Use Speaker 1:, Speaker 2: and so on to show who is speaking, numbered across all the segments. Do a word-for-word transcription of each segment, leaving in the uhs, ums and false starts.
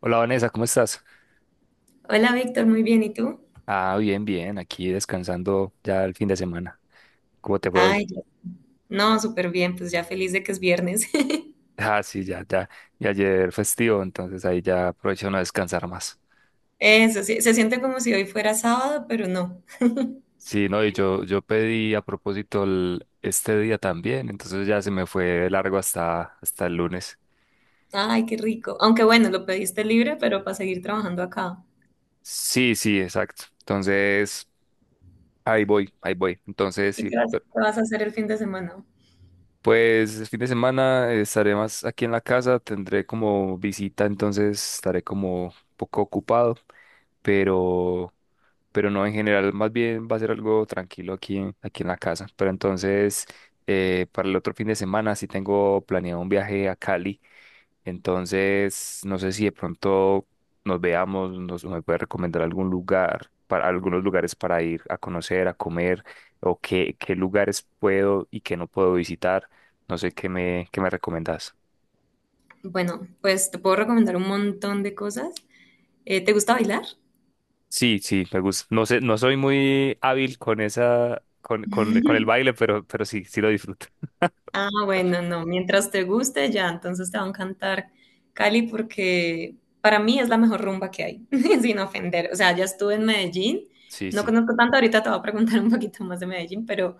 Speaker 1: Hola Vanessa, ¿cómo estás?
Speaker 2: Hola Víctor, muy bien, ¿y tú?
Speaker 1: Ah, bien, bien, aquí descansando ya el fin de semana. ¿Cómo te fue hoy?
Speaker 2: Ay, yo- no, súper bien, pues ya feliz de que es viernes.
Speaker 1: Ah, sí, ya, ya. Y ayer festivo, entonces ahí ya aprovecho no descansar más.
Speaker 2: Eso, sí, se siente como si hoy fuera sábado, pero no.
Speaker 1: Sí, no, y yo, yo pedí a propósito el- este día también, entonces ya se me fue largo hasta, hasta el lunes.
Speaker 2: Ay, qué rico. Aunque bueno, lo pediste libre, pero para seguir trabajando acá.
Speaker 1: Sí, sí, exacto. Entonces, ahí voy, ahí voy. Entonces,
Speaker 2: ¿Y
Speaker 1: sí,
Speaker 2: qué vas,
Speaker 1: pe-
Speaker 2: qué vas a hacer el fin de semana?
Speaker 1: pues el fin de semana eh, estaré más aquí en la casa, tendré como visita, entonces estaré como un poco ocupado. pero, pero no en general, más bien va a ser algo tranquilo aquí, en- aquí en la casa. Pero entonces, eh, para el otro fin de semana sí tengo planeado un viaje a Cali, entonces no sé si de pronto nos veamos, nos, me puede recomendar algún lugar, para algunos lugares para ir a conocer, a comer, o qué, qué lugares puedo y qué no puedo visitar. No sé qué me, qué me recomendás.
Speaker 2: Bueno, pues te puedo recomendar un montón de cosas. Eh, ¿te gusta bailar?
Speaker 1: Sí, sí, me gusta. No sé, no soy muy hábil con esa, con, con, con el baile, pero, pero sí, sí lo disfruto.
Speaker 2: Ah, bueno, no, mientras te guste ya, entonces te va a encantar Cali porque para mí es la mejor rumba que hay, sin ofender. O sea, ya estuve en Medellín,
Speaker 1: Sí,
Speaker 2: no
Speaker 1: sí,
Speaker 2: conozco tanto, ahorita te voy a preguntar un poquito más de Medellín, pero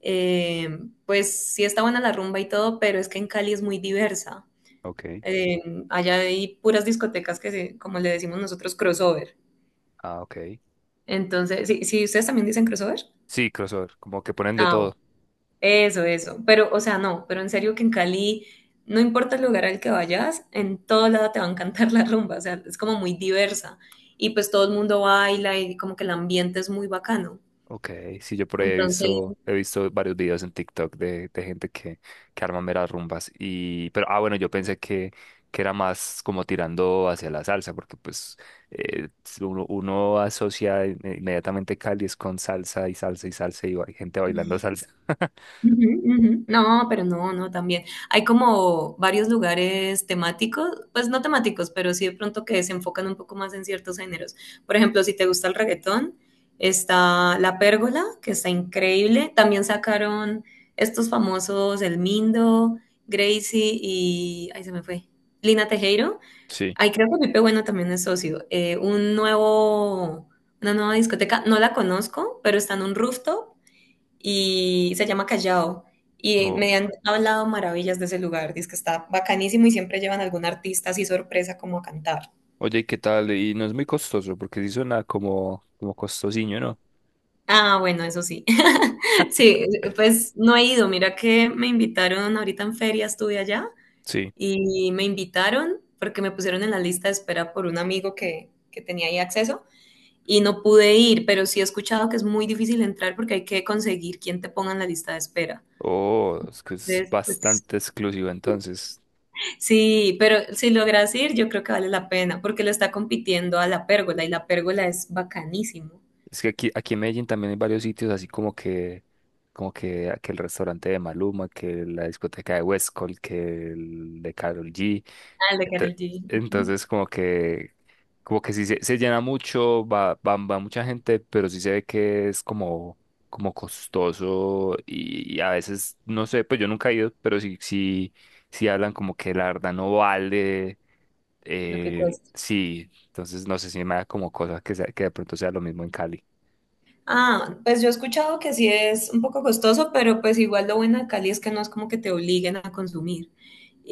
Speaker 2: eh, pues sí está buena la rumba y todo, pero es que en Cali es muy diversa.
Speaker 1: ok.
Speaker 2: Eh, allá hay puras discotecas que, se- como le decimos nosotros, crossover.
Speaker 1: Ah, ok.
Speaker 2: Entonces, ¿sí, sí, ustedes también dicen crossover?
Speaker 1: Sí, crossover, como que ponen de
Speaker 2: Ah,
Speaker 1: todo.
Speaker 2: eso, eso. Pero, o sea, no, pero en serio que en Cali, no importa el lugar al que vayas, en todo lado te va a encantar la rumba, o sea, es como muy diversa. Y pues todo el mundo baila y como que el ambiente es muy bacano.
Speaker 1: Ok, sí, yo por ahí he
Speaker 2: Entonces,
Speaker 1: visto, he visto varios videos en TikTok de, de gente que, que arma meras rumbas. Y, pero, ah, bueno, yo pensé que, que era más como tirando hacia la salsa, porque pues eh, si uno, uno asocia in- inmediatamente Cali es con salsa y salsa y salsa y ba- gente bailando salsa.
Speaker 2: ujú, ujú. No, pero no, no, también. Hay como varios lugares temáticos, pues no temáticos, pero sí de pronto que se enfocan un poco más en ciertos géneros. Por ejemplo, si te gusta el reggaetón, está La Pérgola, que está increíble. También sacaron estos famosos El Mindo, Gracie y... Ahí se me fue. Lina Tejero.
Speaker 1: Sí.
Speaker 2: Ay, creo que Pipe Bueno también es socio. Eh, un nuevo... Una nueva discoteca, no la conozco, pero está en un rooftop y se llama Callao. Y me han hablado maravillas de ese lugar, dice que está bacanísimo y siempre llevan algún artista así sorpresa como a cantar.
Speaker 1: Oye, ¿qué tal? Y no es muy costoso, porque sí suena como, como costosinho, ¿no?
Speaker 2: Ah, bueno, eso sí. Sí, pues no he ido. Mira que me invitaron ahorita en feria, estuve allá
Speaker 1: Sí.
Speaker 2: y me invitaron porque me pusieron en la lista de espera por un amigo que, que tenía ahí acceso y no pude ir, pero sí he escuchado que es muy difícil entrar porque hay que conseguir quien te ponga en la lista de espera.
Speaker 1: Oh, es que es
Speaker 2: Entonces, pues
Speaker 1: bastante exclusivo, entonces.
Speaker 2: Sí, pero si logras ir, yo creo que vale la pena, porque lo está compitiendo a la pérgola y la pérgola es bacanísimo.
Speaker 1: Es que aquí, aquí en Medellín también hay varios sitios así como que, como que, que el restaurante de Maluma, que la discoteca de Westcol, que el de Karol G.
Speaker 2: Ah, el de
Speaker 1: Ente-
Speaker 2: Karol G. Ujú.
Speaker 1: Entonces, como que, como que sí se, se llena mucho, va, va, va mucha gente, pero sí se ve que es como, como costoso y, y a veces, no sé, pues yo nunca he ido, pero sí, sí, sí hablan como que la verdad no vale,
Speaker 2: Lo que
Speaker 1: eh,
Speaker 2: cuesta.
Speaker 1: sí, entonces no sé si me da como cosa que, sea- que de pronto sea lo mismo en Cali.
Speaker 2: Ah, pues yo he escuchado que sí es un poco costoso, pero pues igual lo bueno de Cali es que no es como que te obliguen a consumir.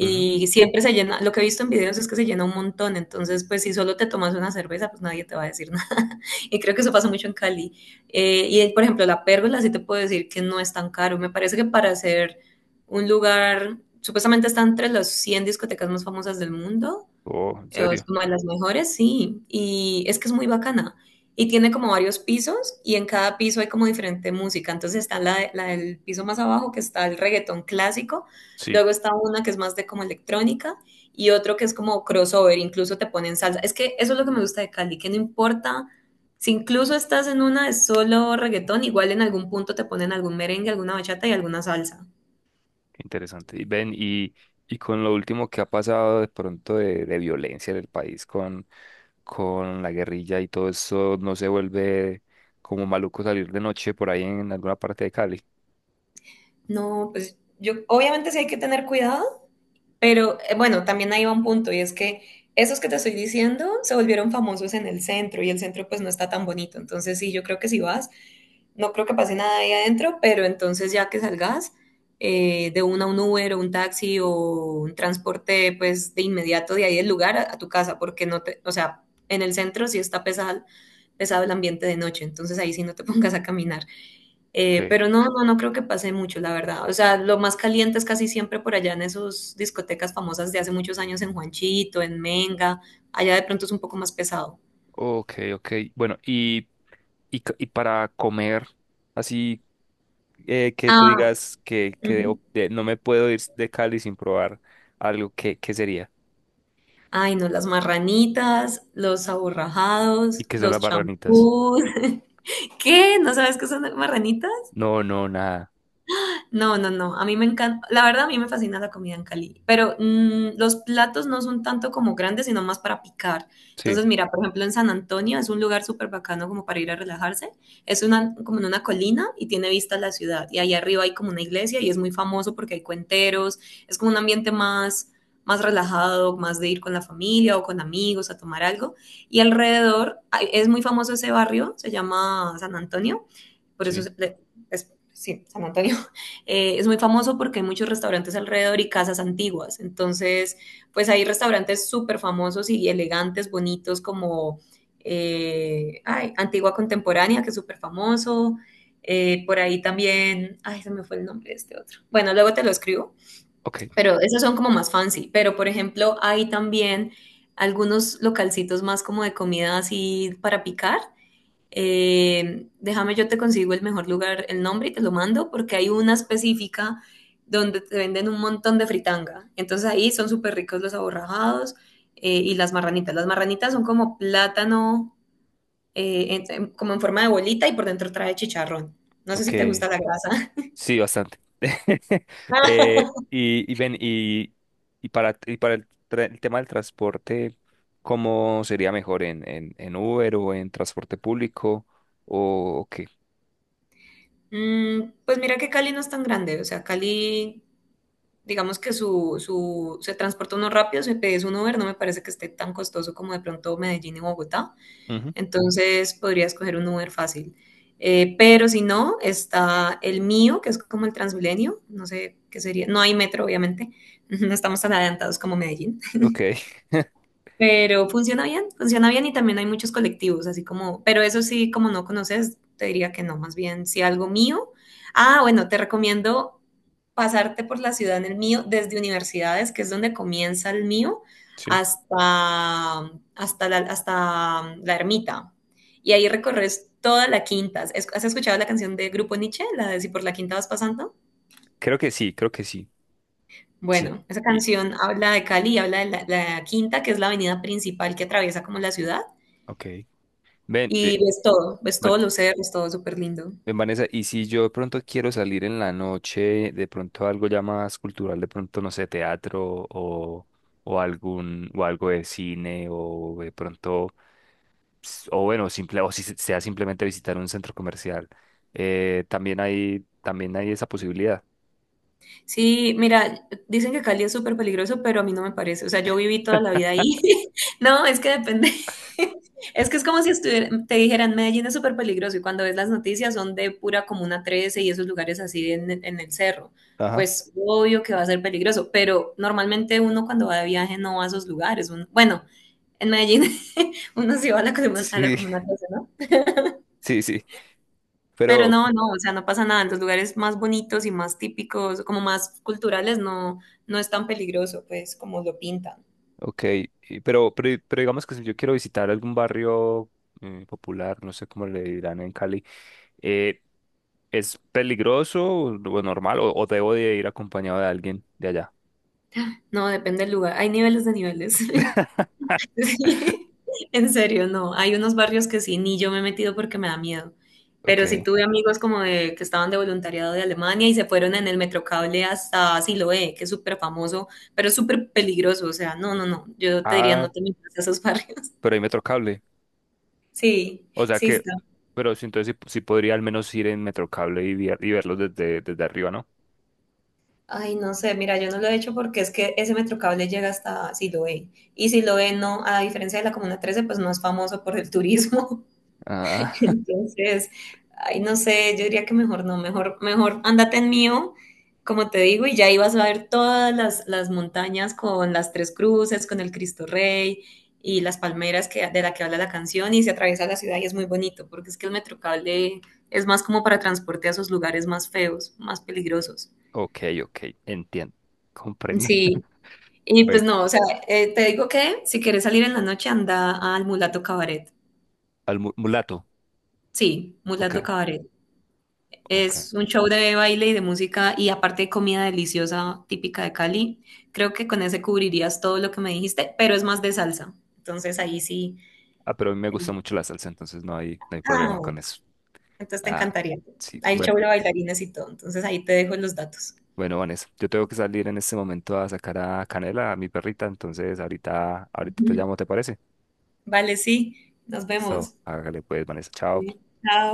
Speaker 1: Ujú.
Speaker 2: siempre se llena, lo que he visto en videos es que se llena un montón, entonces pues si solo te tomas una cerveza, pues nadie te va a decir nada. Y creo que eso pasa mucho en Cali. Eh, y por ejemplo, la pérgola sí te puedo decir que no es tan caro. Me parece que para hacer un lugar, supuestamente está entre las cien discotecas más famosas del mundo
Speaker 1: Oh, ¿en
Speaker 2: eh, Es
Speaker 1: serio?
Speaker 2: como de las mejores, sí. Y es que es muy bacana. Y tiene como varios pisos y en cada piso hay como diferente música. Entonces está la, de- la del piso más abajo que está el reggaetón clásico.
Speaker 1: Sí,
Speaker 2: Luego está una que es más de como electrónica y otro que es como crossover. Incluso te ponen salsa. Es que eso es lo que me gusta de Cali, que no importa si incluso estás en una de solo reggaetón, igual en algún punto te ponen algún merengue, alguna bachata y alguna salsa.
Speaker 1: qué interesante. Y ven, y, y con lo último que ha pasado de pronto de, de violencia en el país con, con, la guerrilla y todo eso, ¿no se vuelve como maluco salir de noche por ahí en alguna parte de Cali?
Speaker 2: No, pues yo obviamente sí hay que tener cuidado Pero eh, bueno, también ahí va un punto y es que esos que te estoy diciendo se volvieron famosos en el centro y el centro pues no está tan bonito. Entonces sí, yo creo que si vas, no creo que pase nada ahí adentro, pero entonces ya que salgas eh, de una un Uber o un taxi o un transporte pues de inmediato de ahí del lugar a, a tu casa, porque no te, o sea, en el centro sí está pesado, pesado el ambiente de noche, entonces ahí sí no te pongas a caminar.
Speaker 1: Ok,
Speaker 2: Eh, pero no, no, no creo que pase mucho, la verdad. O sea, lo más caliente es casi siempre por allá en esas discotecas famosas de hace muchos años en Juanchito, en Menga. Allá de pronto es un poco más pesado.
Speaker 1: ok, ok. Bueno, y, y, c- y para comer, así eh, que tú
Speaker 2: Ah,
Speaker 1: digas que, que
Speaker 2: ujú.
Speaker 1: debo- de- no me puedo ir de Cali sin probar algo, ¿qué, qué sería?
Speaker 2: Ay, no, las marranitas, los
Speaker 1: ¿Y
Speaker 2: aborrajados,
Speaker 1: qué son las
Speaker 2: los
Speaker 1: barranitas?
Speaker 2: champús. ¿Qué? ¿No sabes qué son las marranitas?
Speaker 1: No, no, nada.
Speaker 2: No, no, no. A mí me encanta, la verdad a mí me fascina la comida en Cali, pero mm, los platos no son tanto como grandes, sino más para picar.
Speaker 1: Sí,
Speaker 2: Entonces, mira, por ejemplo, en San Antonio es un lugar súper bacano como para ir a relajarse. Es una, como en una colina y tiene vista a la ciudad. Y ahí arriba hay como una iglesia y es muy famoso porque hay cuenteros. Es como un ambiente más, más relajado, más de ir con la familia o con amigos a tomar algo. Y alrededor hay- es muy famoso ese barrio, se llama San Antonio por eso
Speaker 1: sí.
Speaker 2: es, es, sí, San Antonio eh, es muy famoso porque hay muchos restaurantes alrededor y casas antiguas. Entonces, pues hay restaurantes súper famosos y elegantes, bonitos, como eh, ay, Antigua Contemporánea, que es súper famoso. Eh, por ahí también, ay, se me fue el nombre de este otro. Bueno, luego te lo escribo,
Speaker 1: Ok,
Speaker 2: pero esos son como más fancy. Pero, por ejemplo, hay también algunos localcitos más como de comida así para picar, eh, déjame, yo te consigo el mejor lugar, el nombre y te lo mando, porque hay una específica donde te venden un montón de fritanga. Entonces ahí son súper ricos los aborrajados eh, y las marranitas. Las marranitas son como plátano, eh, en- en- como en forma de bolita y por dentro trae chicharrón. No sé
Speaker 1: ok.
Speaker 2: si te gusta la grasa.
Speaker 1: Sí, bastante. Eh, y, y ven, y, y para, y para el, tra- el tema del transporte, ¿cómo sería mejor en, en, en Uber o en transporte público o qué?
Speaker 2: Mm, pues mira que Cali no es tan grande, o sea, Cali, digamos que su, su, se transporta uno rápido, si pedís un Uber, no me parece que esté tan costoso como de pronto Medellín y Bogotá.
Speaker 1: Ujú.
Speaker 2: Entonces podrías escoger un Uber fácil. Eh, pero si no, está el mío, que es como el Transmilenio, no sé qué sería, no hay metro obviamente, no estamos tan adelantados como Medellín,
Speaker 1: Ok.
Speaker 2: pero funciona bien, funciona bien y también hay muchos colectivos, así como, pero eso sí, como no conoces, te diría que no, más bien si algo mío. Ah, bueno, te recomiendo pasarte por la ciudad en el mío desde universidades, que es donde comienza el mío,
Speaker 1: Sí.
Speaker 2: hasta, hasta, la, hasta la ermita. Y ahí recorres toda la quinta. ¿Es- ¿Has escuchado la canción de Grupo Nietzsche, la de Si por la quinta vas pasando?
Speaker 1: Creo que sí, creo que sí. Sí.
Speaker 2: Bueno, esa
Speaker 1: Y,
Speaker 2: canción habla de Cali y habla de la, la quinta, que es la avenida principal que atraviesa como la ciudad.
Speaker 1: ok. Ven,
Speaker 2: Y
Speaker 1: eh,
Speaker 2: ves todo, ves
Speaker 1: Van-
Speaker 2: todos los cerros, todo súper lindo.
Speaker 1: ven, Vanessa, y si yo de pronto quiero salir en la noche, de pronto algo ya más cultural, de pronto, no sé, teatro o, o algún, o algo de cine o de pronto. s- o bueno, simple, o si se- sea simplemente visitar un centro comercial. Eh, también hay, también hay esa posibilidad.
Speaker 2: Sí, mira, dicen que Cali es súper peligroso, pero a mí no me parece. O sea, yo viví toda la vida ahí. No, es que depende. Es que es como si estuviera, te dijeran, Medellín es súper peligroso y cuando ves las noticias son de pura Comuna trece y esos lugares así en, en el cerro.
Speaker 1: Ajá.
Speaker 2: Pues obvio que va a ser peligroso, pero normalmente uno cuando va de viaje no va a esos lugares. Un- bueno, en Medellín uno sí va a la, comuna- a la
Speaker 1: Sí,
Speaker 2: Comuna trece,
Speaker 1: sí, sí.
Speaker 2: pero
Speaker 1: Pero,
Speaker 2: no, no, o sea, no pasa nada. En los lugares más bonitos y más típicos, como más culturales, no, no es tan peligroso, pues, como lo pintan.
Speaker 1: ok. y- Pero, pero, pero digamos que si yo quiero visitar algún barrio eh, popular, no sé cómo le dirán en Cali, eh, ¿es peligroso o o normal o, o debo de ir acompañado de alguien de allá?
Speaker 2: No, depende del lugar. Hay niveles de niveles. Sí. En serio, no. Hay unos barrios que sí, ni yo me he metido porque me da miedo.
Speaker 1: Ok.
Speaker 2: Pero sí tuve amigos como de que estaban de voluntariado de Alemania y se fueron en el Metrocable hasta Siloé, que es súper famoso, pero es súper peligroso. O sea, no, no, no. Yo te diría,
Speaker 1: Ah,
Speaker 2: no te metas a esos barrios.
Speaker 1: pero hay metro cable.
Speaker 2: Sí,
Speaker 1: O sea
Speaker 2: sí,
Speaker 1: que,
Speaker 2: está.
Speaker 1: pero sí, entonces sí, sí podría al menos ir en Metrocable y, via- y verlos desde, desde arriba, ¿no?
Speaker 2: Ay, no sé, mira, yo no lo he hecho porque es que ese metrocable llega hasta Siloé. Y Siloé no, a diferencia de la Comuna trece, pues no es famoso por el turismo.
Speaker 1: Ah,
Speaker 2: Entonces, ay, no sé, yo diría que mejor no, mejor, mejor ándate en mío, como te digo, y ya ibas a ver todas las, las montañas con las tres cruces, con el Cristo Rey y las palmeras que, de la que habla la canción y se atraviesa la ciudad y es muy bonito, porque es que el metrocable es más como para transporte a esos lugares más feos, más peligrosos.
Speaker 1: ok, ok, entiendo, comprendo.
Speaker 2: Sí, Y pues
Speaker 1: Bueno,
Speaker 2: no, o sea, eh, te digo que si quieres salir en la noche, anda al Mulato Cabaret.
Speaker 1: al mu- mulato,
Speaker 2: Sí, Mulato
Speaker 1: ok,
Speaker 2: Cabaret.
Speaker 1: ok.
Speaker 2: Es un show de baile y de música y aparte de comida deliciosa típica de Cali. Creo que con ese cubrirías todo lo que me dijiste, pero es más de salsa. Entonces ahí sí.
Speaker 1: Ah, pero a mí me gusta
Speaker 2: eh,
Speaker 1: mucho la salsa, entonces no hay, no hay
Speaker 2: Ah,
Speaker 1: problema con
Speaker 2: bueno,
Speaker 1: eso.
Speaker 2: entonces te
Speaker 1: Ah,
Speaker 2: encantaría.
Speaker 1: sí,
Speaker 2: Hay
Speaker 1: bueno,
Speaker 2: show de bailarines y todo. Entonces ahí te dejo los datos.
Speaker 1: bueno, Vanessa, yo tengo que salir en este momento a sacar a Canela, a mi perrita, entonces ahorita, ahorita te llamo, ¿te parece?
Speaker 2: Vale, sí. Nos
Speaker 1: Listo,
Speaker 2: vemos.
Speaker 1: hágale pues, Vanessa, chao.
Speaker 2: Vale, Chao.